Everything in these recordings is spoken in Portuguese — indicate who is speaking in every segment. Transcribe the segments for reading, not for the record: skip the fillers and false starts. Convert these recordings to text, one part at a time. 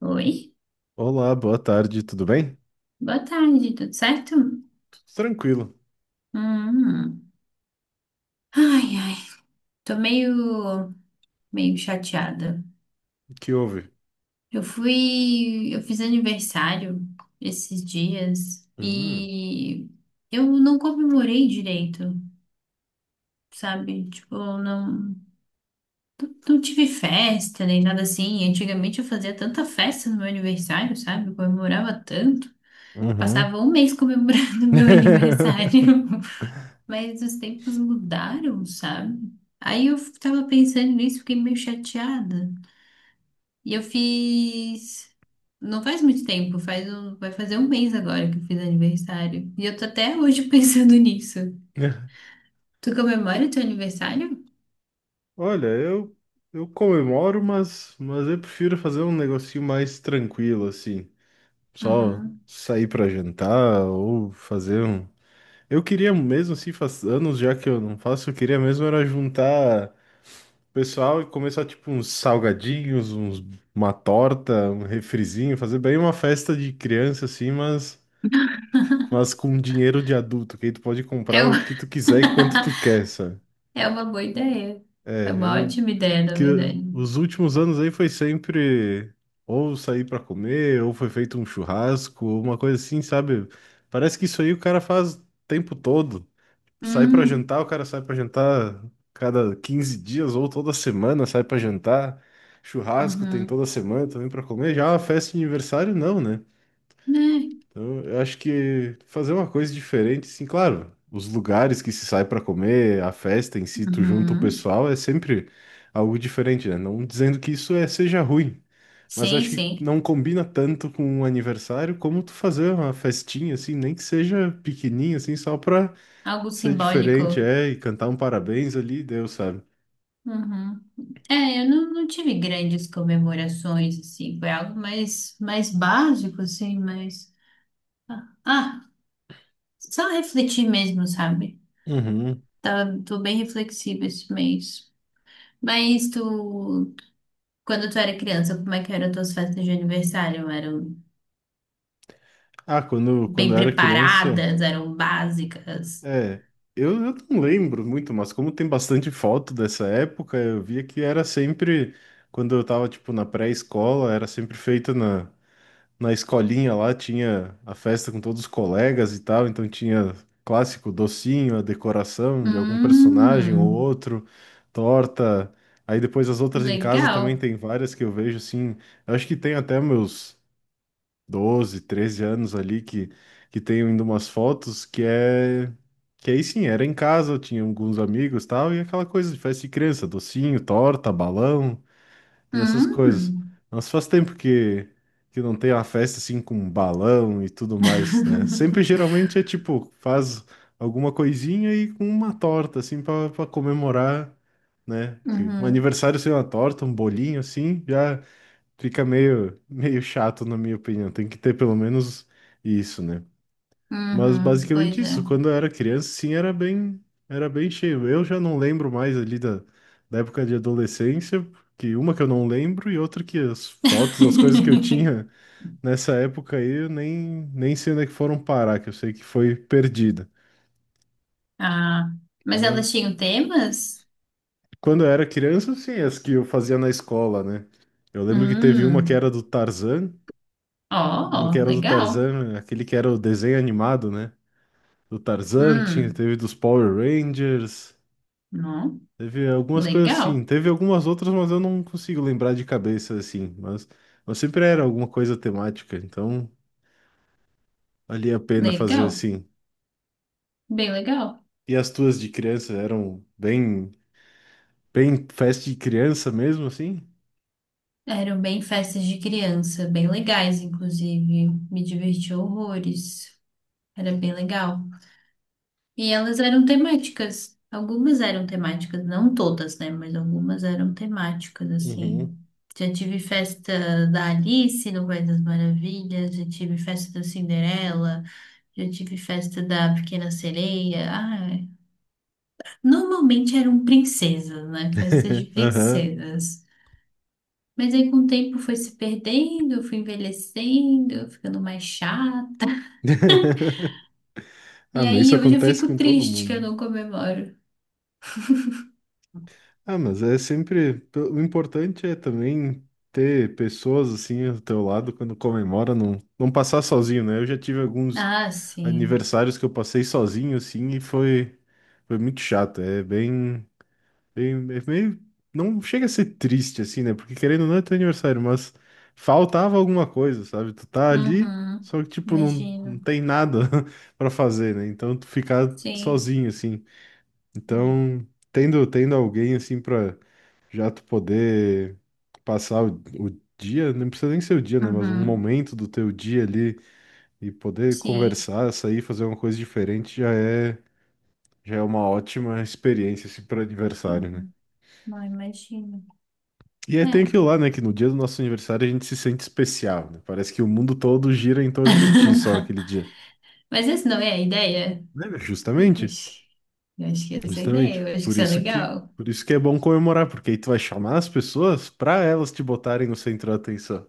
Speaker 1: Oi,
Speaker 2: Olá, boa tarde, tudo bem?
Speaker 1: boa tarde, tudo certo?
Speaker 2: Tudo tranquilo.
Speaker 1: Hum. Ai, ai, tô meio chateada.
Speaker 2: O que houve?
Speaker 1: Eu fiz aniversário esses dias
Speaker 2: Hum,
Speaker 1: e eu não comemorei direito, sabe? Tipo, não tive festa nem nada assim. Antigamente eu fazia tanta festa no meu aniversário, sabe? Eu comemorava tanto.
Speaker 2: uhum.
Speaker 1: Passava um mês comemorando meu aniversário. Mas os tempos mudaram, sabe? Aí eu tava pensando nisso, fiquei meio chateada. E eu fiz. Não faz muito tempo, faz um... vai fazer um mês agora que eu fiz aniversário. E eu tô até hoje pensando nisso. Tu comemora teu aniversário?
Speaker 2: Olha, eu comemoro, mas eu prefiro fazer um negocinho mais tranquilo, assim. Só
Speaker 1: Uhum.
Speaker 2: sair pra jantar ou fazer um. Eu queria mesmo, assim, faz anos já que eu não faço, eu queria mesmo era juntar o pessoal e começar, tipo, uns salgadinhos, uns, uma torta, um refrizinho, fazer bem uma festa de criança, assim, mas. Mas com dinheiro de adulto, que aí tu pode
Speaker 1: É,
Speaker 2: comprar
Speaker 1: u-
Speaker 2: o que tu quiser e quanto tu quer, sabe?
Speaker 1: é uma boa ideia.
Speaker 2: É,
Speaker 1: É uma ótima ideia, na verdade.
Speaker 2: os últimos anos aí foi sempre ou sair pra comer, ou foi feito um churrasco, ou uma coisa assim, sabe? Parece que isso aí o cara faz o tempo todo. Sai pra
Speaker 1: Hum,
Speaker 2: jantar, o cara sai pra jantar cada 15 dias ou toda semana, sai pra jantar. Churrasco tem
Speaker 1: uhum.
Speaker 2: toda semana também pra comer. Já é uma festa de aniversário não, né?
Speaker 1: Né?
Speaker 2: Então, eu acho que fazer uma coisa diferente, sim, claro. Os lugares que se sai para comer, a festa em si, tu junta o
Speaker 1: Uhum.
Speaker 2: pessoal, é sempre algo diferente, né? Não dizendo que isso é, seja ruim, mas
Speaker 1: Sim,
Speaker 2: acho que
Speaker 1: sim.
Speaker 2: não combina tanto com um aniversário como tu fazer uma festinha, assim, nem que seja pequenininha, assim, só pra
Speaker 1: Algo
Speaker 2: ser diferente,
Speaker 1: simbólico.
Speaker 2: é, e cantar um parabéns ali, Deus sabe.
Speaker 1: Uhum. É, eu não tive grandes comemorações, assim, foi algo mais básico, assim, mas... Ah, ah, só refletir mesmo, sabe?
Speaker 2: Uhum.
Speaker 1: Tô bem reflexiva esse mês. Mas tu, quando tu era criança, como é que eram tuas festas de aniversário? Eram
Speaker 2: Ah, quando
Speaker 1: bem
Speaker 2: eu era criança.
Speaker 1: preparadas, eram básicas?
Speaker 2: É, eu não lembro muito, mas como tem bastante foto dessa época, eu via que era sempre, quando eu tava, tipo, na pré-escola, era sempre feita na, na escolinha lá, tinha a festa com todos os colegas e tal, então tinha clássico docinho, a decoração de algum personagem ou
Speaker 1: Hum,
Speaker 2: outro, torta, aí depois as outras em casa também
Speaker 1: legal.
Speaker 2: tem várias que eu vejo, assim, eu acho que tem até meus 12, 13 anos ali que tenho ainda umas fotos que é. Que aí sim, era em casa, eu tinha alguns amigos e tal, e aquela coisa de festa de criança, docinho, torta, balão e essas coisas.
Speaker 1: Hum.
Speaker 2: Mas faz tempo que não tem uma festa assim com balão e tudo mais, né? Sempre geralmente é tipo, faz alguma coisinha e com uma torta, assim, pra comemorar, né? Que um
Speaker 1: Uhum,
Speaker 2: aniversário sem uma torta, um bolinho assim, já. Fica meio, meio chato, na minha opinião. Tem que ter pelo menos isso, né? Mas
Speaker 1: uhum,
Speaker 2: basicamente
Speaker 1: pois é.
Speaker 2: isso. Quando eu era criança, sim, era bem cheio. Eu já não lembro mais ali da, da época de adolescência, que uma que eu não lembro e outra que as fotos, as coisas que eu tinha nessa época aí, eu nem sei onde é que foram parar, que eu sei que foi perdida.
Speaker 1: Ah, mas elas
Speaker 2: Mas
Speaker 1: tinham temas?
Speaker 2: quando eu era criança, sim, as que eu fazia na escola, né? Eu lembro que teve uma que
Speaker 1: Hum,
Speaker 2: era do Tarzan.
Speaker 1: ó,
Speaker 2: Uma que
Speaker 1: ó,
Speaker 2: era do
Speaker 1: legal.
Speaker 2: Tarzan, aquele que era o desenho animado, né? Do Tarzan, tinha,
Speaker 1: Hum,
Speaker 2: teve dos Power Rangers,
Speaker 1: não,
Speaker 2: teve algumas coisas
Speaker 1: legal,
Speaker 2: assim, teve algumas outras, mas eu não consigo lembrar de cabeça assim, mas sempre era alguma coisa temática, então valia a pena fazer
Speaker 1: legal,
Speaker 2: assim.
Speaker 1: bem legal.
Speaker 2: E as tuas de criança eram bem, bem festa de criança mesmo, assim?
Speaker 1: Eram bem festas de criança, bem legais, inclusive. Me diverti horrores. Era bem legal. E elas eram temáticas. Algumas eram temáticas, não todas, né? Mas algumas eram temáticas, assim.
Speaker 2: Uhum.
Speaker 1: Já tive festa da Alice no País das Maravilhas, já tive festa da Cinderela. Já tive festa da Pequena Sereia. Ah, é, normalmente eram princesas, né? Festas de
Speaker 2: Aham.
Speaker 1: princesas. Mas aí com o tempo foi se perdendo, fui envelhecendo, ficando mais chato.
Speaker 2: Ah,
Speaker 1: E
Speaker 2: mas isso
Speaker 1: aí hoje eu
Speaker 2: acontece
Speaker 1: fico
Speaker 2: com todo
Speaker 1: triste que eu
Speaker 2: mundo.
Speaker 1: não comemoro.
Speaker 2: Ah, mas é sempre. O importante é também ter pessoas assim ao teu lado quando comemora, não passar sozinho, né? Eu já tive alguns
Speaker 1: Ah, sim.
Speaker 2: aniversários que eu passei sozinho, assim, e foi, foi muito chato. É bem, bem. É meio. Não chega a ser triste, assim, né? Porque querendo ou não é teu aniversário, mas faltava alguma coisa, sabe? Tu tá ali,
Speaker 1: Uhum.
Speaker 2: só que, tipo, não, não
Speaker 1: Imagino.
Speaker 2: tem nada pra fazer, né? Então tu ficar
Speaker 1: Sim.
Speaker 2: sozinho, assim. Então. Tendo alguém assim para já tu poder passar o dia, não precisa nem ser o dia, né? Mas um
Speaker 1: Uhum.
Speaker 2: momento do teu dia ali e poder
Speaker 1: Sim.
Speaker 2: conversar, sair, fazer uma coisa diferente já é uma ótima experiência, assim, para aniversário, né?
Speaker 1: Uhum. Não imagino.
Speaker 2: E aí tem
Speaker 1: É.
Speaker 2: aquilo lá, né? Que no dia do nosso aniversário a gente se sente especial, né? Parece que o mundo todo gira em torno de ti só naquele dia.
Speaker 1: Mas essa não é a ideia?
Speaker 2: Né, meu?
Speaker 1: Eu
Speaker 2: Justamente,
Speaker 1: acho, eu acho que essa é a ideia,
Speaker 2: justamente.
Speaker 1: eu acho que
Speaker 2: Por
Speaker 1: isso é
Speaker 2: isso que,
Speaker 1: legal.
Speaker 2: por isso que é bom comemorar, porque aí tu vai chamar as pessoas para elas te botarem no centro da atenção.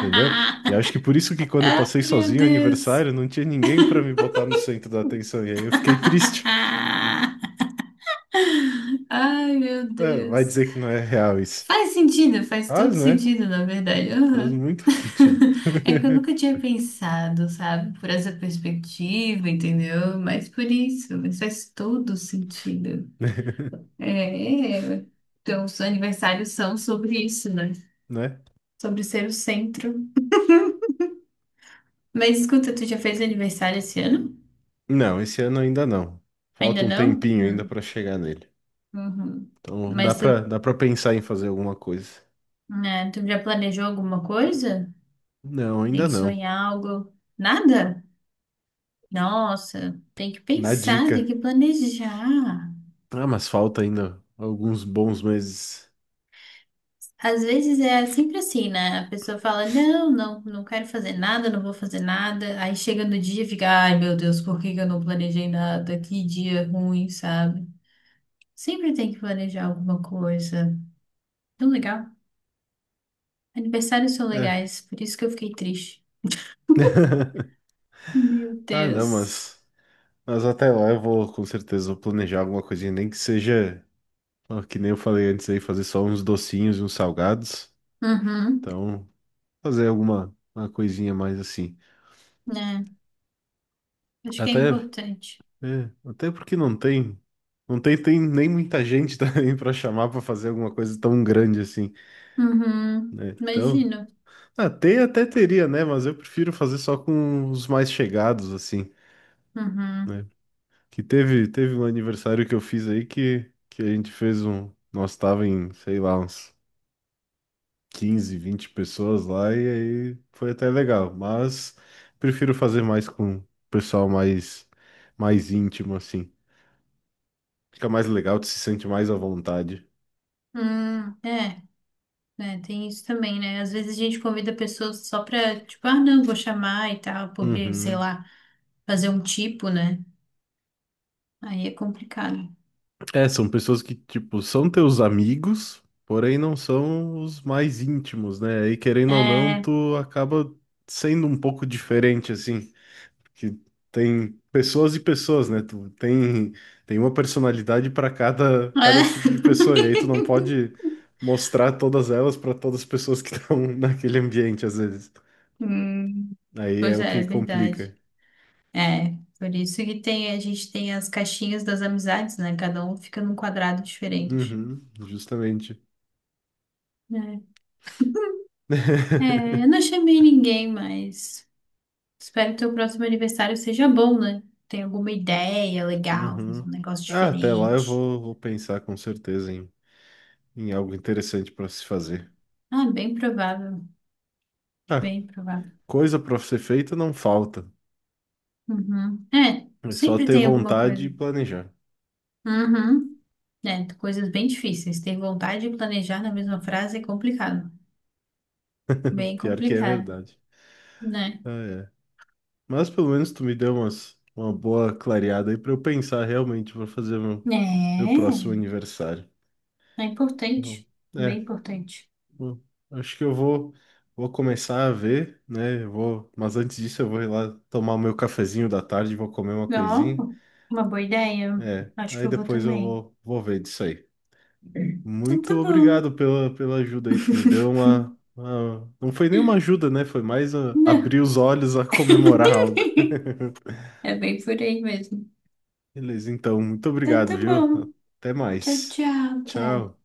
Speaker 2: Entendeu? E acho que por isso que quando eu passei
Speaker 1: Ai, meu
Speaker 2: sozinho o
Speaker 1: Deus.
Speaker 2: aniversário, não tinha ninguém pra me botar no centro da atenção. E aí eu fiquei triste.
Speaker 1: Ai, meu
Speaker 2: É, vai
Speaker 1: Deus.
Speaker 2: dizer que não é real isso.
Speaker 1: Faz sentido, faz
Speaker 2: Faz,
Speaker 1: todo
Speaker 2: né?
Speaker 1: sentido, na verdade.
Speaker 2: Faz
Speaker 1: Aham.
Speaker 2: muito sentido.
Speaker 1: É que eu nunca tinha pensado, sabe, por essa perspectiva, entendeu? Mas por isso, mas faz todo sentido. É, é. Então, os aniversários são sobre isso, né?
Speaker 2: Né?
Speaker 1: Sobre ser o centro. Mas escuta, tu já fez aniversário esse ano?
Speaker 2: Não, esse ano ainda não.
Speaker 1: Ainda
Speaker 2: Falta um
Speaker 1: não?
Speaker 2: tempinho ainda
Speaker 1: Hum.
Speaker 2: pra chegar nele.
Speaker 1: Uhum.
Speaker 2: Então dá
Speaker 1: Mas
Speaker 2: pra
Speaker 1: tu
Speaker 2: dá para pensar em fazer alguma coisa.
Speaker 1: É, tu já planejou alguma coisa?
Speaker 2: Não, ainda
Speaker 1: Pensou
Speaker 2: não.
Speaker 1: em algo? Nada? Nossa, tem que
Speaker 2: Na
Speaker 1: pensar, tem
Speaker 2: dica.
Speaker 1: que planejar.
Speaker 2: Ah, mas falta ainda alguns bons meses.
Speaker 1: Às vezes é sempre assim, né? A pessoa fala, não quero fazer nada, não vou fazer nada. Aí chega no dia e fica, ai meu Deus, por que que eu não planejei nada? Que dia ruim, sabe? Sempre tem que planejar alguma coisa. Tão legal. Aniversários são
Speaker 2: É.
Speaker 1: legais, por isso que eu fiquei triste. Meu
Speaker 2: Ah, não,
Speaker 1: Deus.
Speaker 2: mas até lá eu vou com certeza vou planejar alguma coisinha, nem que seja Ó, que nem eu falei antes aí, fazer só uns docinhos e uns salgados.
Speaker 1: Uhum,
Speaker 2: Então, fazer alguma uma coisinha mais assim.
Speaker 1: né? Acho que é
Speaker 2: Até,
Speaker 1: importante.
Speaker 2: é, até porque não tem, não tem, tem nem muita gente também pra chamar pra fazer alguma coisa tão grande assim,
Speaker 1: Uhum,
Speaker 2: né? Então,
Speaker 1: imagino.
Speaker 2: até teria, né? Mas eu prefiro fazer só com os mais chegados assim,
Speaker 1: Uhum.
Speaker 2: né? Que teve um aniversário que eu fiz aí que a gente fez um, nós tava em, sei lá, uns 15, 20 pessoas lá e aí foi até legal, mas prefiro fazer mais com pessoal mais íntimo assim. Fica mais legal, tu se sente mais à vontade.
Speaker 1: É, é, tem isso também, né? Às vezes a gente convida pessoas só pra, tipo, ah, não, vou chamar e tal, porque, sei
Speaker 2: Uhum.
Speaker 1: lá, fazer um tipo, né? Aí é complicado.
Speaker 2: É, são pessoas que tipo são teus amigos, porém não são os mais íntimos, né? E
Speaker 1: É,
Speaker 2: querendo ou não,
Speaker 1: é.
Speaker 2: tu acaba sendo um pouco diferente assim. Que tem pessoas e pessoas, né? Tu tem, tem uma personalidade para cada tipo de pessoa, e aí tu não pode mostrar todas elas para todas as pessoas que estão naquele ambiente, às vezes.
Speaker 1: Hum,
Speaker 2: Aí é
Speaker 1: pois
Speaker 2: o
Speaker 1: é, é
Speaker 2: que
Speaker 1: verdade.
Speaker 2: complica.
Speaker 1: É, por isso que tem, a gente tem as caixinhas das amizades, né? Cada um fica num quadrado diferente.
Speaker 2: Uhum, justamente.
Speaker 1: É, é, eu não chamei ninguém, mas. Espero que teu próximo aniversário seja bom, né? Tem alguma ideia legal, fazer
Speaker 2: Uhum.
Speaker 1: um negócio
Speaker 2: Ah, até lá eu
Speaker 1: diferente.
Speaker 2: vou, vou pensar com certeza em, em algo interessante para se fazer.
Speaker 1: Ah, bem provável,
Speaker 2: Ah,
Speaker 1: bem provável.
Speaker 2: coisa para ser feita não falta.
Speaker 1: Uhum. É,
Speaker 2: É só
Speaker 1: sempre
Speaker 2: ter
Speaker 1: tem alguma
Speaker 2: vontade e
Speaker 1: coisa.
Speaker 2: planejar.
Speaker 1: Uhum. É, coisas bem difíceis. Ter vontade de planejar na mesma frase é complicado. Bem
Speaker 2: Pior que é
Speaker 1: complicado,
Speaker 2: verdade.
Speaker 1: né?
Speaker 2: Ah, é. Mas pelo menos tu me deu umas, uma boa clareada aí pra eu pensar realmente pra fazer meu, meu
Speaker 1: É,
Speaker 2: próximo aniversário.
Speaker 1: é
Speaker 2: Bom,
Speaker 1: importante.
Speaker 2: É,
Speaker 1: Bem importante.
Speaker 2: bom, acho que eu vou, vou começar a ver, né? Eu vou, mas antes disso eu vou ir lá tomar o meu cafezinho da tarde, vou comer uma coisinha.
Speaker 1: Ó, uma boa ideia.
Speaker 2: É,
Speaker 1: Acho
Speaker 2: aí
Speaker 1: que eu vou
Speaker 2: depois eu
Speaker 1: também.
Speaker 2: vou, vou ver disso aí.
Speaker 1: Então
Speaker 2: Muito
Speaker 1: tá bom,
Speaker 2: obrigado pela, pela ajuda aí, tu me deu uma- Não foi nem uma ajuda, né? Foi mais ah,
Speaker 1: né?
Speaker 2: abrir os olhos a comemorar algo.
Speaker 1: É bem por aí mesmo.
Speaker 2: Beleza, então, muito
Speaker 1: Então
Speaker 2: obrigado,
Speaker 1: tá
Speaker 2: viu?
Speaker 1: bom.
Speaker 2: Até
Speaker 1: Tchau,
Speaker 2: mais.
Speaker 1: tchau, Té.
Speaker 2: Tchau.